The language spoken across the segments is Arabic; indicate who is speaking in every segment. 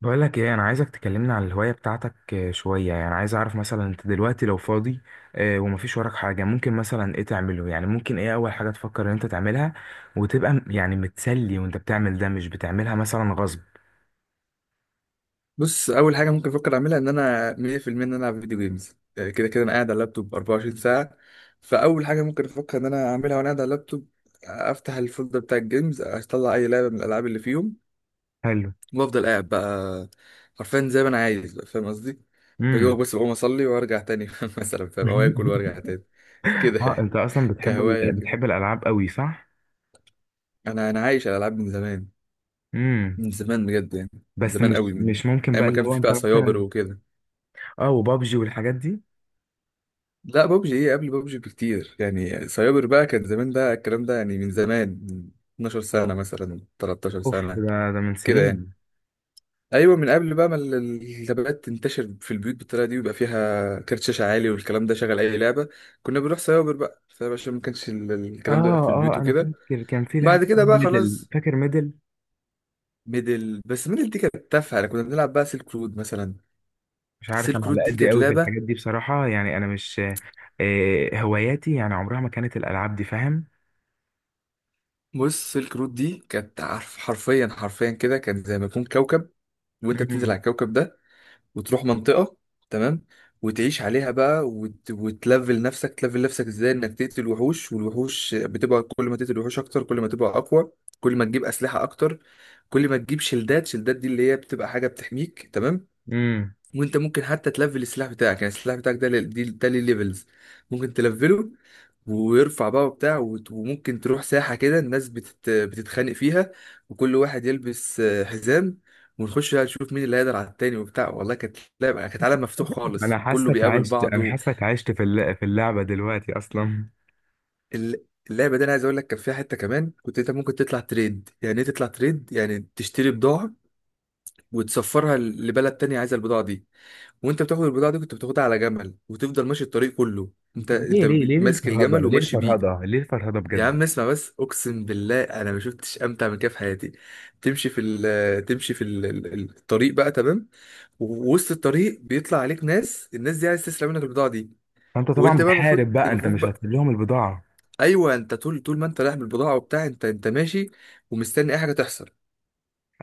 Speaker 1: بقولك ايه، انا عايزك تكلمنا عن الهواية بتاعتك. شوية يعني عايز اعرف مثلا انت دلوقتي لو فاضي، ومفيش وراك حاجة، ممكن مثلا ايه تعمله، يعني ممكن ايه اول حاجة تفكر ان انت تعملها، وتبقى يعني متسلي، وانت بتعمل ده مش بتعملها مثلا غصب.
Speaker 2: بص، اول حاجه ممكن افكر اعملها ان انا 100% ان انا العب فيديو جيمز. كده كده انا قاعد على اللابتوب 24 ساعه. فاول حاجه ممكن افكر ان انا اعملها وانا قاعد على اللابتوب، افتح الفولدر بتاع الجيمز، اطلع اي لعبه من الالعاب اللي فيهم
Speaker 1: حلو.
Speaker 2: وافضل قاعد بقى. حرفيا زي ما انا عايز بقى، فاهم قصدي؟ بدوق
Speaker 1: امم.
Speaker 2: بس بقوم اصلي وارجع تاني مثلا، فاهم، او اكل وارجع تاني،
Speaker 1: اه،
Speaker 2: كده.
Speaker 1: انت اصلا بتحب
Speaker 2: كهوايه كده،
Speaker 1: بتحب الالعاب قوي، صح؟
Speaker 2: انا عايش على الالعاب من زمان.
Speaker 1: امم.
Speaker 2: من زمان بجد يعني. من
Speaker 1: بس
Speaker 2: زمان
Speaker 1: مش
Speaker 2: قوي، من
Speaker 1: مش ممكن
Speaker 2: ايام
Speaker 1: بقى
Speaker 2: ما
Speaker 1: اللي
Speaker 2: كان
Speaker 1: هو
Speaker 2: في
Speaker 1: انت
Speaker 2: بقى سايبر
Speaker 1: مثلا.
Speaker 2: وكده.
Speaker 1: اه، وبابجي والحاجات دي.
Speaker 2: لا، ببجي ايه؟ قبل ببجي بكتير يعني. سايبر بقى كان زمان بقى الكلام ده يعني، من زمان، من 12 سنة مثلا، 13
Speaker 1: اوف،
Speaker 2: سنة
Speaker 1: ده من
Speaker 2: كده يعني.
Speaker 1: سنين.
Speaker 2: ايوه، من قبل بقى ما اللابات تنتشر في البيوت بالطريقة دي ويبقى فيها كارت شاشة عالي والكلام ده شغل اي لعبة. كنا بنروح سايبر بقى، سايبر عشان ما كانش الكلام ده بقى
Speaker 1: اه،
Speaker 2: في
Speaker 1: اه،
Speaker 2: البيوت
Speaker 1: انا
Speaker 2: وكده.
Speaker 1: فاكر كان في لعبة
Speaker 2: بعد كده
Speaker 1: اسمها
Speaker 2: بقى
Speaker 1: ميدل.
Speaker 2: خلاص.
Speaker 1: فاكر ميدل؟
Speaker 2: ميدل، بس ميدل دي كانت تافهة يعني، كنا بنلعب بقى سيلك رود مثلا.
Speaker 1: مش عارف،
Speaker 2: سيلك
Speaker 1: انا على
Speaker 2: رود دي
Speaker 1: قد
Speaker 2: كانت
Speaker 1: قوي في
Speaker 2: لعبة.
Speaker 1: الحاجات دي بصراحة، يعني انا مش هواياتي، يعني عمرها ما كانت الالعاب دي، فاهم؟
Speaker 2: بص، سيلك رود دي كانت، عارف، حرفيا حرفيا كده، كانت زي ما يكون كوكب وانت بتنزل
Speaker 1: امم.
Speaker 2: على الكوكب ده وتروح منطقة، تمام، وتعيش عليها بقى وتلفل نفسك. تلفل نفسك ازاي؟ انك تقتل وحوش، والوحوش بتبقى كل ما تقتل وحوش اكتر كل ما تبقى اقوى، كل ما تجيب اسلحة اكتر، كل ما تجيب شلدات. شلدات دي اللي هي بتبقى حاجة بتحميك، تمام.
Speaker 1: امم.
Speaker 2: وانت ممكن حتى تلفل السلاح بتاعك، يعني السلاح بتاعك ده ليه ليفلز، ممكن تلفله ويرفع بقى وبتاع، وممكن تروح ساحة كده الناس بتتخانق فيها، وكل واحد يلبس حزام، ونخش بقى نشوف مين اللي هيقدر على التاني وبتاع. والله كانت لعبة، كانت عالم مفتوح خالص وكله بيقابل
Speaker 1: انا
Speaker 2: بعضه.
Speaker 1: حاسك عشت في اللعبة دلوقتي اصلا.
Speaker 2: ال- اللعبة دي انا عايز اقول لك كان فيها حتة كمان، كنت انت ممكن تطلع تريد، يعني ايه تطلع تريد؟ يعني تشتري بضاعة وتسفرها لبلد تانية عايزة البضاعة دي، وانت بتاخد البضاعه دي كنت بتاخدها على جمل وتفضل ماشي الطريق كله، انت
Speaker 1: طب ليه
Speaker 2: انت
Speaker 1: ليه ليه ليه
Speaker 2: ماسك
Speaker 1: الفرهدة،
Speaker 2: الجمل
Speaker 1: ليه
Speaker 2: وماشي بيه.
Speaker 1: الفرهدة، ليه الفرهدة
Speaker 2: يا
Speaker 1: بجد؟
Speaker 2: عم اسمع بس، اقسم بالله انا ما شفتش امتع من كده في حياتي. تمشي في الطريق بقى، تمام، ووسط الطريق بيطلع عليك ناس. الناس دي عايز تسرق منك البضاعه دي،
Speaker 1: فانت طبعا
Speaker 2: وانت بقى المفروض،
Speaker 1: بتحارب بقى، انت مش
Speaker 2: بقى،
Speaker 1: هتسيب لهم البضاعة.
Speaker 2: ايوه، انت طول، ما انت رايح بالبضاعه وبتاع انت ماشي ومستني اي حاجه تحصل.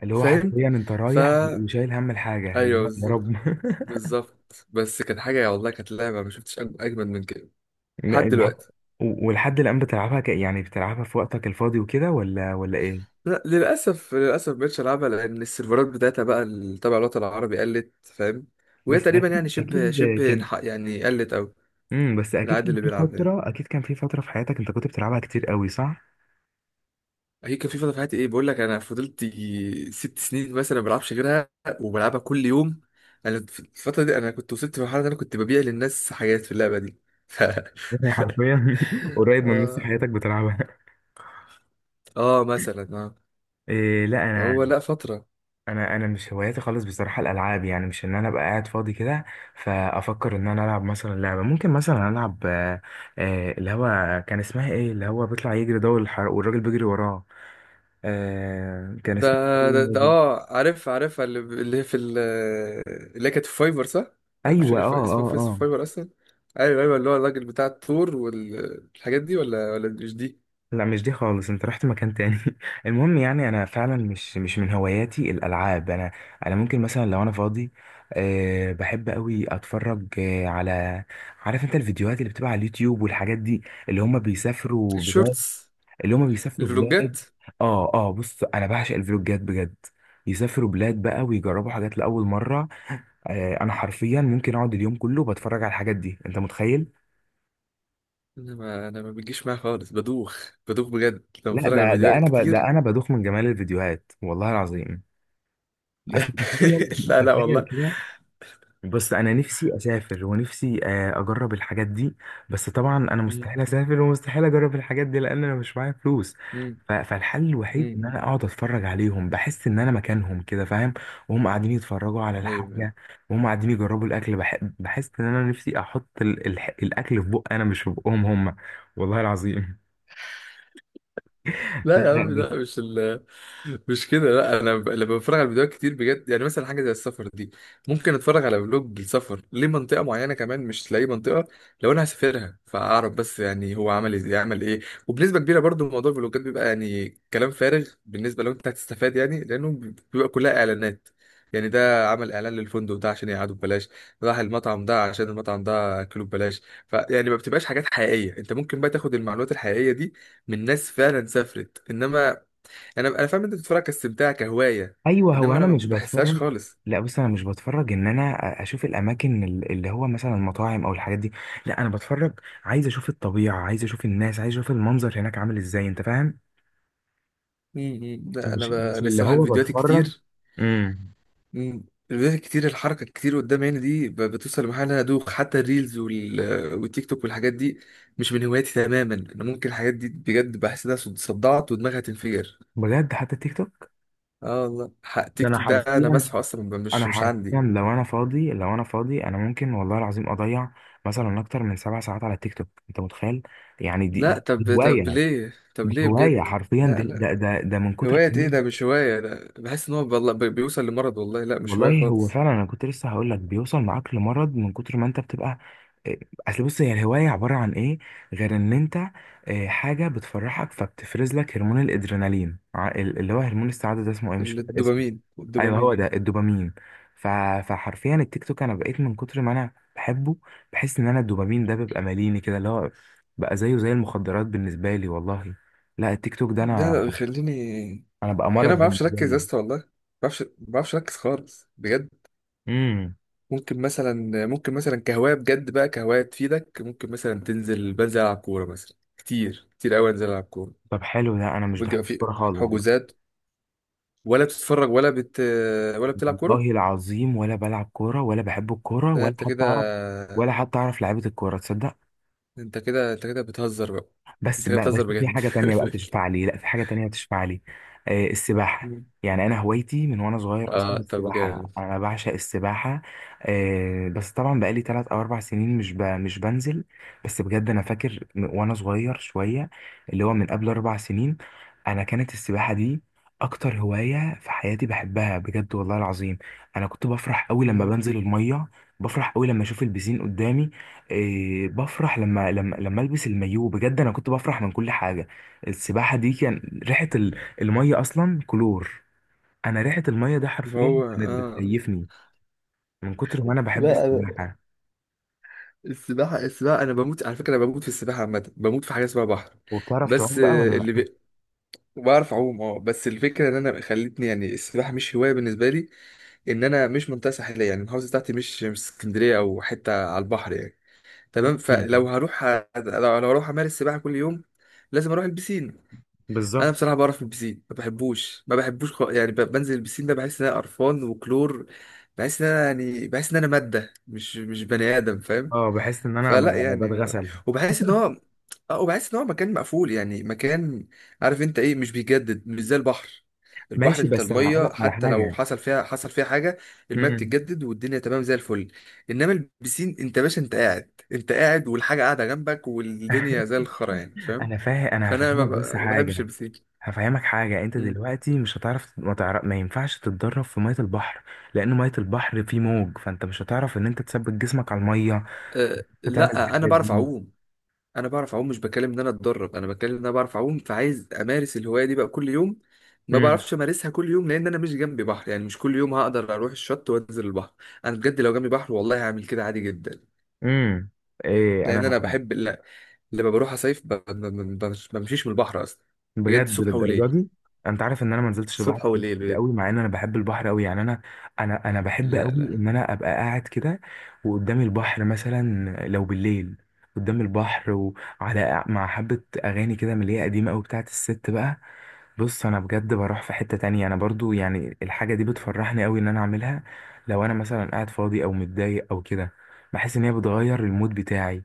Speaker 1: اللي هو
Speaker 2: فاهم؟
Speaker 1: حرفيا انت
Speaker 2: فا
Speaker 1: رايح وشايل هم الحاجة
Speaker 2: ايوه،
Speaker 1: يا رب.
Speaker 2: بالظبط. بالظبط. بس كانت حاجه، والله كانت لعبه ما شفتش اجمد من كده لحد
Speaker 1: لا،
Speaker 2: دلوقتي.
Speaker 1: ولحد الآن بتلعبها يعني بتلعبها في وقتك الفاضي وكده، ولا ايه؟
Speaker 2: لا، للاسف، للاسف مبقتش العبها لان السيرفرات بتاعتها بقى اللي تبع الوطن العربي قلت، فاهم؟ وهي
Speaker 1: بس،
Speaker 2: تقريبا يعني
Speaker 1: اكيد
Speaker 2: شبه شبه
Speaker 1: اكيد.
Speaker 2: يعني قلت او
Speaker 1: امم، بس
Speaker 2: العدد اللي بيلعبها يعني.
Speaker 1: اكيد كان في فتره في حياتك، انت كنت بتلعبها كتير قوي، صح؟
Speaker 2: هي كان في فتره في حياتي، ايه بقول لك، انا فضلت يجي 6 سنين مثلا ما بلعبش غيرها وبلعبها كل يوم. انا في الفتره دي، انا كنت وصلت لمرحله ان انا كنت ببيع للناس حاجات في اللعبه دي ف...
Speaker 1: يعني حرفيا، قريب من نص
Speaker 2: آه.
Speaker 1: حياتك بتلعبها.
Speaker 2: اه، مثلا، اه.
Speaker 1: إيه، لا،
Speaker 2: هو
Speaker 1: انا
Speaker 2: لا، فتره.
Speaker 1: انا انا مش هواياتي خالص بصراحه الالعاب، يعني مش ان انا ابقى قاعد فاضي كده. فافكر ان انا العب مثلا لعبه، ممكن مثلا العب اللي هو كان اسمها ايه، اللي هو بيطلع يجري ده والحر- والراجل بيجري وراه. كان
Speaker 2: ده،
Speaker 1: اسمها إيه اللعبة دي؟
Speaker 2: اه، عارف، عارفها، اللي هي في اللي هي كانت في فايبر، صح؟ مش
Speaker 1: ايوه،
Speaker 2: فاكر
Speaker 1: اه،
Speaker 2: اسمها
Speaker 1: اه،
Speaker 2: في
Speaker 1: اه.
Speaker 2: فايبر اصلا. ايوه ايوه، اللي هو الراجل بتاع التور والحاجات دي، ولا مش دي؟
Speaker 1: لا، مش دي خالص، انت رحت مكان تاني. المهم، يعني انا فعلا مش من هواياتي الالعاب. انا، انا ممكن مثلا لو انا فاضي، أه بحب قوي اتفرج على، عارف انت، الفيديوهات اللي بتبقى على اليوتيوب والحاجات دي، اللي هم بيسافروا بلاد،
Speaker 2: الشورتس.
Speaker 1: اللي هم بيسافروا بلاد.
Speaker 2: الفلوجات.
Speaker 1: اه، اه، بص انا بعشق الفلوجات بجد. يسافروا بلاد بقى، ويجربوا حاجات لاول مره. أه، انا حرفيا ممكن اقعد اليوم كله بتفرج على الحاجات دي، انت متخيل؟
Speaker 2: انا ما انا، ما بتجيش معايا خالص، بدوخ، بدوخ بجد لما
Speaker 1: لا،
Speaker 2: بتفرج على فيديوهات كتير.
Speaker 1: ده انا بدوخ من جمال الفيديوهات، والله العظيم. اصل
Speaker 2: لا.
Speaker 1: تخيل،
Speaker 2: لا لا
Speaker 1: تخيل
Speaker 2: والله.
Speaker 1: كده. بص، انا نفسي اسافر ونفسي اجرب الحاجات دي. بس طبعا انا
Speaker 2: مم.
Speaker 1: مستحيل اسافر، ومستحيل اجرب الحاجات دي لان انا مش معايا فلوس.
Speaker 2: مم.
Speaker 1: فالحل الوحيد ان انا
Speaker 2: مم.
Speaker 1: اقعد اتفرج عليهم، بحس ان انا مكانهم كده، فاهم؟ وهم قاعدين يتفرجوا على
Speaker 2: ايوه.
Speaker 1: الحاجه، وهم قاعدين يجربوا الاكل، بحس ان انا نفسي احط الاكل في بق انا مش في بقهم هم. والله العظيم. لا،
Speaker 2: لا يا
Speaker 1: لا،
Speaker 2: عم،
Speaker 1: بس.
Speaker 2: لا، مش كده. لا انا لما بتفرج على فيديوهات كتير بجد، يعني مثلا حاجه زي السفر دي، ممكن اتفرج على فلوج السفر لمنطقه معينه، كمان مش لاي منطقه، لو انا هسافرها فاعرف بس يعني هو عمل ازاي، عمل ايه. وبنسبه كبيره برضو موضوع الفلوجات بيبقى يعني كلام فارغ بالنسبه لو انت هتستفاد يعني، لانه بيبقى كلها اعلانات. يعني ده عمل اعلان للفندق ده عشان يقعدوا ببلاش، راح المطعم ده عشان المطعم ده اكله ببلاش. فيعني ما بتبقاش حاجات حقيقيه انت ممكن بقى تاخد المعلومات الحقيقيه دي من ناس فعلا سافرت. انما انا، فاهم، انت بتتفرج كاستمتاع كهوايه،
Speaker 1: ايوه، هو
Speaker 2: انما
Speaker 1: انا
Speaker 2: انا
Speaker 1: مش
Speaker 2: ما بحسهاش
Speaker 1: بتفرج.
Speaker 2: خالص.
Speaker 1: لا، بص انا مش بتفرج ان انا اشوف الاماكن اللي هو مثلا المطاعم او الحاجات دي. لا، انا بتفرج عايز اشوف الطبيعه، عايز اشوف الناس، عايز اشوف المنظر هناك عامل ازاي، انت فاهم؟
Speaker 2: امم. لا انا
Speaker 1: مش مش
Speaker 2: انا
Speaker 1: اللي
Speaker 2: الصراحه
Speaker 1: هو
Speaker 2: الفيديوهات
Speaker 1: بتفرج.
Speaker 2: الكتير،
Speaker 1: امم.
Speaker 2: مم، الفيديوهات الكتير، الحركه الكتير قدام عيني دي بتوصل لمرحله إن انا ادوخ حتى. الريلز والتيك توك والحاجات دي مش من هواياتي تماما. انا ممكن الحاجات دي بجد بحس انها صدعت ودماغي هتنفجر.
Speaker 1: بجد، حتى تيك توك؟
Speaker 2: اه والله،
Speaker 1: ده
Speaker 2: تيك توك ده انا مسحه اصلا، مش،
Speaker 1: انا
Speaker 2: مش عندي.
Speaker 1: حرفيا، لو انا فاضي، انا ممكن والله العظيم اضيع مثلا اكتر من 7 ساعات على التيك توك، انت متخيل؟ يعني دي
Speaker 2: لا،
Speaker 1: دي
Speaker 2: طب،
Speaker 1: هوايه.
Speaker 2: ليه؟ طب
Speaker 1: دي
Speaker 2: ليه
Speaker 1: هوايه
Speaker 2: بجد؟
Speaker 1: حرفيا،
Speaker 2: لا
Speaker 1: ده
Speaker 2: لا.
Speaker 1: ده ده, ده من كتر.
Speaker 2: هواية ايه؟ ده مش هواية، ده بحس ان هو والله بيوصل لمرض، والله لا مش هواية
Speaker 1: والله، هو
Speaker 2: خالص.
Speaker 1: فعلا انا كنت لسه هقول لك بيوصل معاك لمرض من كتر ما انت بتبقى إيه، اصل بص، هي الهوايه عباره عن ايه غير ان انت إيه، حاجه بتفرحك، فبتفرز لك هرمون الادرينالين، اللي هو هرمون السعاده ده، اسمه ايه، مش فاكر اسمه.
Speaker 2: الدوبامين.
Speaker 1: ايوه، هو
Speaker 2: والدوبامين
Speaker 1: ده الدوبامين. ف... فحرفيا التيك توك، انا بقيت من كتر ما انا بحبه، بحس ان انا الدوبامين ده بيبقى ماليني كده، اللي هو بقى زيه زي المخدرات بالنسبه لي والله. لا، التيك توك ده انا
Speaker 2: ده بيخليني،
Speaker 1: انا بقى مرض
Speaker 2: خليني ما بعرفش
Speaker 1: بالنسبه
Speaker 2: اركز يا
Speaker 1: لي.
Speaker 2: اسطى، والله ما بعرفش، ما بعرفش اركز خالص بجد.
Speaker 1: امم.
Speaker 2: ممكن مثلا، ممكن مثلا كهواية بجد بقى، كهواية تفيدك، ممكن مثلا تنزل، بنزل العب كورة مثلا كتير، كتير قوي انزل العب كورة.
Speaker 1: طب حلو، ده انا مش بحب
Speaker 2: بيبقى في
Speaker 1: الكوره خالص.
Speaker 2: حجوزات، ولا بتتفرج ولا ولا بتلعب كورة؟
Speaker 1: والله العظيم، ولا بلعب كورة، ولا بحب الكورة،
Speaker 2: لا
Speaker 1: ولا
Speaker 2: انت
Speaker 1: حتى
Speaker 2: كده،
Speaker 1: أعرف، ولا حتى أعرف لعيبة الكورة، تصدق؟
Speaker 2: انت كده، انت كده بتهزر بقى.
Speaker 1: بس
Speaker 2: انت كده
Speaker 1: بقى،
Speaker 2: بتهزر
Speaker 1: بس في
Speaker 2: بجد.
Speaker 1: حاجة تانية بقى تشفع لي، لا، في حاجة تانية تشفع لي. السباحة. يعني أنا هوايتي من وأنا صغير أصلا
Speaker 2: اه، طب
Speaker 1: السباحة،
Speaker 2: جامد.
Speaker 1: أنا بعشق السباحة. بس طبعا بقالي 3 أو 4 سنين مش بنزل. بس بجد أنا فاكر وأنا صغير شوية، اللي هو من قبل 4 سنين، أنا كانت السباحة دي أكتر هواية في حياتي بحبها بجد والله العظيم. أنا كنت بفرح أوي لما
Speaker 2: مم.
Speaker 1: بنزل المية، بفرح أوي لما أشوف البسين قدامي، إيه بفرح لما البس المايو، بجد انا كنت بفرح من كل حاجه. السباحه دي، كان ريحه الميه اصلا كلور. انا ريحه الميه ده حرفيا
Speaker 2: هو
Speaker 1: كانت
Speaker 2: اه.
Speaker 1: بتكيفني من كتر ما انا بحب
Speaker 2: لا،
Speaker 1: السباحه.
Speaker 2: السباحة، السباحة، أنا بموت على فكرة، أنا بموت في السباحة، عامة بموت في حاجة اسمها بحر.
Speaker 1: وبتعرف
Speaker 2: بس
Speaker 1: تعوم بقى، ولا لا؟
Speaker 2: بعرف أعوم، أه، بس الفكرة إن أنا، خلتني يعني السباحة مش هواية بالنسبة لي إن أنا مش منطقة ساحلية يعني، المحافظة بتاعتي مش، مش اسكندرية أو حتة على البحر يعني. تمام،
Speaker 1: مم.
Speaker 2: فلو هروح لو لو هروح أمارس سباحة كل يوم لازم أروح البسين. انا
Speaker 1: بالظبط.
Speaker 2: بصراحه بعرف من البسين، ما بحبوش، ما بحبوش يعني، بنزل البسين ده بحس ان انا قرفان وكلور، بحس ان انا يعني، بحس ان انا ماده مش، مش بني ادم، فاهم؟
Speaker 1: اه، بحس ان انا
Speaker 2: فلا
Speaker 1: ببقى
Speaker 2: يعني،
Speaker 1: بتغسل.
Speaker 2: وبحس ان هو، اه وبحس ان هو مكان مقفول، يعني مكان، عارف انت ايه، مش بيجدد، مش زي البحر. البحر،
Speaker 1: ماشي،
Speaker 2: انت
Speaker 1: بس انا هقول لك
Speaker 2: الميه
Speaker 1: على
Speaker 2: حتى لو
Speaker 1: حاجه.
Speaker 2: حصل فيها، حصل فيها حاجه، الميه
Speaker 1: امم.
Speaker 2: بتتجدد والدنيا تمام زي الفل. انما البسين، انت باشا، انت قاعد، انت قاعد والحاجه قاعده جنبك والدنيا زي الخرا يعني، فاهم؟
Speaker 1: انا فاهم، انا
Speaker 2: فانا
Speaker 1: هفهمك بس
Speaker 2: ما بحبش
Speaker 1: حاجه.
Speaker 2: البسين.
Speaker 1: هفهمك حاجة، انت
Speaker 2: مم.
Speaker 1: دلوقتي مش هتعرف، ما ينفعش تتدرب في مية البحر، لان مية البحر فيه موج، فانت مش هتعرف ان انت تثبت جسمك على المية،
Speaker 2: أه
Speaker 1: تعمل
Speaker 2: لا، انا
Speaker 1: الحاجات
Speaker 2: بعرف
Speaker 1: دي.
Speaker 2: اعوم. انا بعرف اعوم، مش بتكلم ان انا اتدرب، انا بتكلم ان انا بعرف اعوم، فعايز امارس الهوايه دي بقى كل يوم، ما
Speaker 1: امم.
Speaker 2: بعرفش امارسها كل يوم لان انا مش جنبي بحر يعني. مش كل يوم هقدر اروح الشط وانزل البحر. انا بجد لو جنبي بحر والله هعمل كده عادي جدا،
Speaker 1: امم. ايه
Speaker 2: لان
Speaker 1: انا،
Speaker 2: انا بحب. لا، لما بروح اصيف ما بمشيش من البحر اصلا. بجد،
Speaker 1: بجد
Speaker 2: صبح
Speaker 1: للدرجة
Speaker 2: وليل.
Speaker 1: دي؟ انت عارف ان انا ما نزلتش البحر
Speaker 2: صبح وليل
Speaker 1: كتير
Speaker 2: بجد.
Speaker 1: قوي، مع ان انا بحب البحر قوي، يعني انا بحب
Speaker 2: لا
Speaker 1: قوي
Speaker 2: لا.
Speaker 1: ان انا ابقى قاعد كده، وقدامي البحر مثلا، لو بالليل، قدام البحر، مع حبة أغاني كده من اللي هي قديمة أوي بتاعت الست بقى. بص، انا بجد بروح في حتة تانية، انا برضو يعني الحاجة دي بتفرحني قوي ان انا اعملها، لو انا مثلا قاعد فاضي او متضايق او كده، بحس ان هي بتغير المود بتاعي.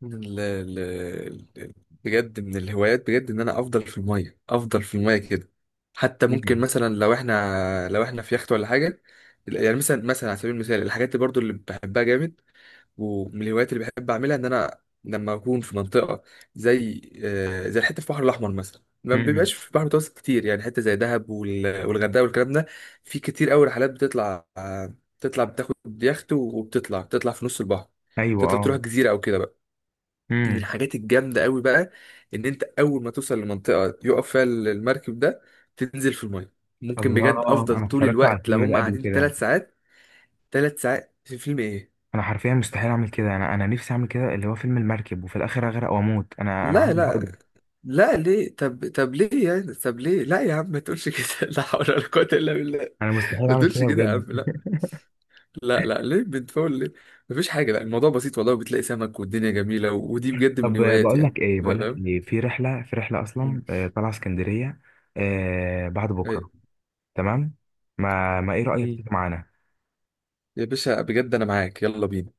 Speaker 2: من ال- بجد من الهوايات، بجد ان انا افضل في الميه، افضل في الميه كده. حتى ممكن
Speaker 1: مم.
Speaker 2: مثلا، لو احنا في يخت ولا حاجه، يعني مثلا، مثلا على سبيل المثال الحاجات اللي برضو اللي بحبها جامد، ومن الهوايات اللي بحب اعملها، ان انا لما اكون في منطقه زي زي الحته في البحر الاحمر مثلا، ما
Speaker 1: مم.
Speaker 2: بيبقاش في البحر المتوسط كتير يعني، حته زي دهب والغردقه والكلام ده، في كتير قوي رحلات بتطلع آه، بتطلع بتاخد يخت بتطلع في نص البحر،
Speaker 1: ايوه،
Speaker 2: تطلع تروح
Speaker 1: اه.
Speaker 2: جزيره او كده بقى. من
Speaker 1: مم.
Speaker 2: الحاجات الجامدة قوي بقى ان انت اول ما توصل لمنطقة يقف فيها المركب ده، تنزل في المية. ممكن بجد
Speaker 1: الله،
Speaker 2: افضل
Speaker 1: انا
Speaker 2: طول
Speaker 1: اتفرجت على
Speaker 2: الوقت لو
Speaker 1: الفيلم ده
Speaker 2: هم
Speaker 1: قبل
Speaker 2: قاعدين
Speaker 1: كده.
Speaker 2: 3 ساعات. 3 ساعات في فيلم ايه؟
Speaker 1: انا حرفيا مستحيل اعمل كده، انا نفسي اعمل كده اللي هو فيلم المركب، وفي الاخر اغرق واموت، انا
Speaker 2: لا
Speaker 1: عندي عقدة.
Speaker 2: لا. لا ليه؟ طب، طب ليه يعني؟ طب ليه؟ لا يا عم ما تقولش كده لا حول ولا قوة الا بالله.
Speaker 1: انا مستحيل
Speaker 2: ما
Speaker 1: اعمل
Speaker 2: تقولش
Speaker 1: كده
Speaker 2: كده يا
Speaker 1: بجد.
Speaker 2: عم، لا. لا لا، ليه بتفول ليه؟ مفيش حاجة، لا، الموضوع بسيط والله، بتلاقي سمك والدنيا جميلة، ودي بجد
Speaker 1: طب
Speaker 2: من هواياتي يعني.
Speaker 1: بقول لك
Speaker 2: فاهم.
Speaker 1: ايه، في رحلة اصلا
Speaker 2: مم.
Speaker 1: طالعة اسكندرية بعد بكرة.
Speaker 2: أيوة.
Speaker 1: تمام. ما ايه رأيك
Speaker 2: مم.
Speaker 1: تيجي معانا؟
Speaker 2: يا باشا بجد انا معاك، يلا بينا.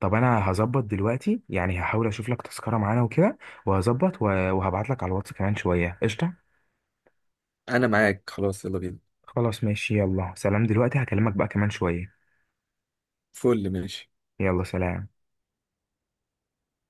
Speaker 1: طب انا هظبط دلوقتي يعني، هحاول اشوف لك تذكرة معانا وكده، وهظبط وهبعت لك على الواتس كمان شوية. قشطة.
Speaker 2: انا معاك خلاص، يلا بينا.
Speaker 1: خلاص ماشي، يلا سلام، دلوقتي هكلمك بقى كمان شوية.
Speaker 2: فل، ماشي.
Speaker 1: يلا سلام.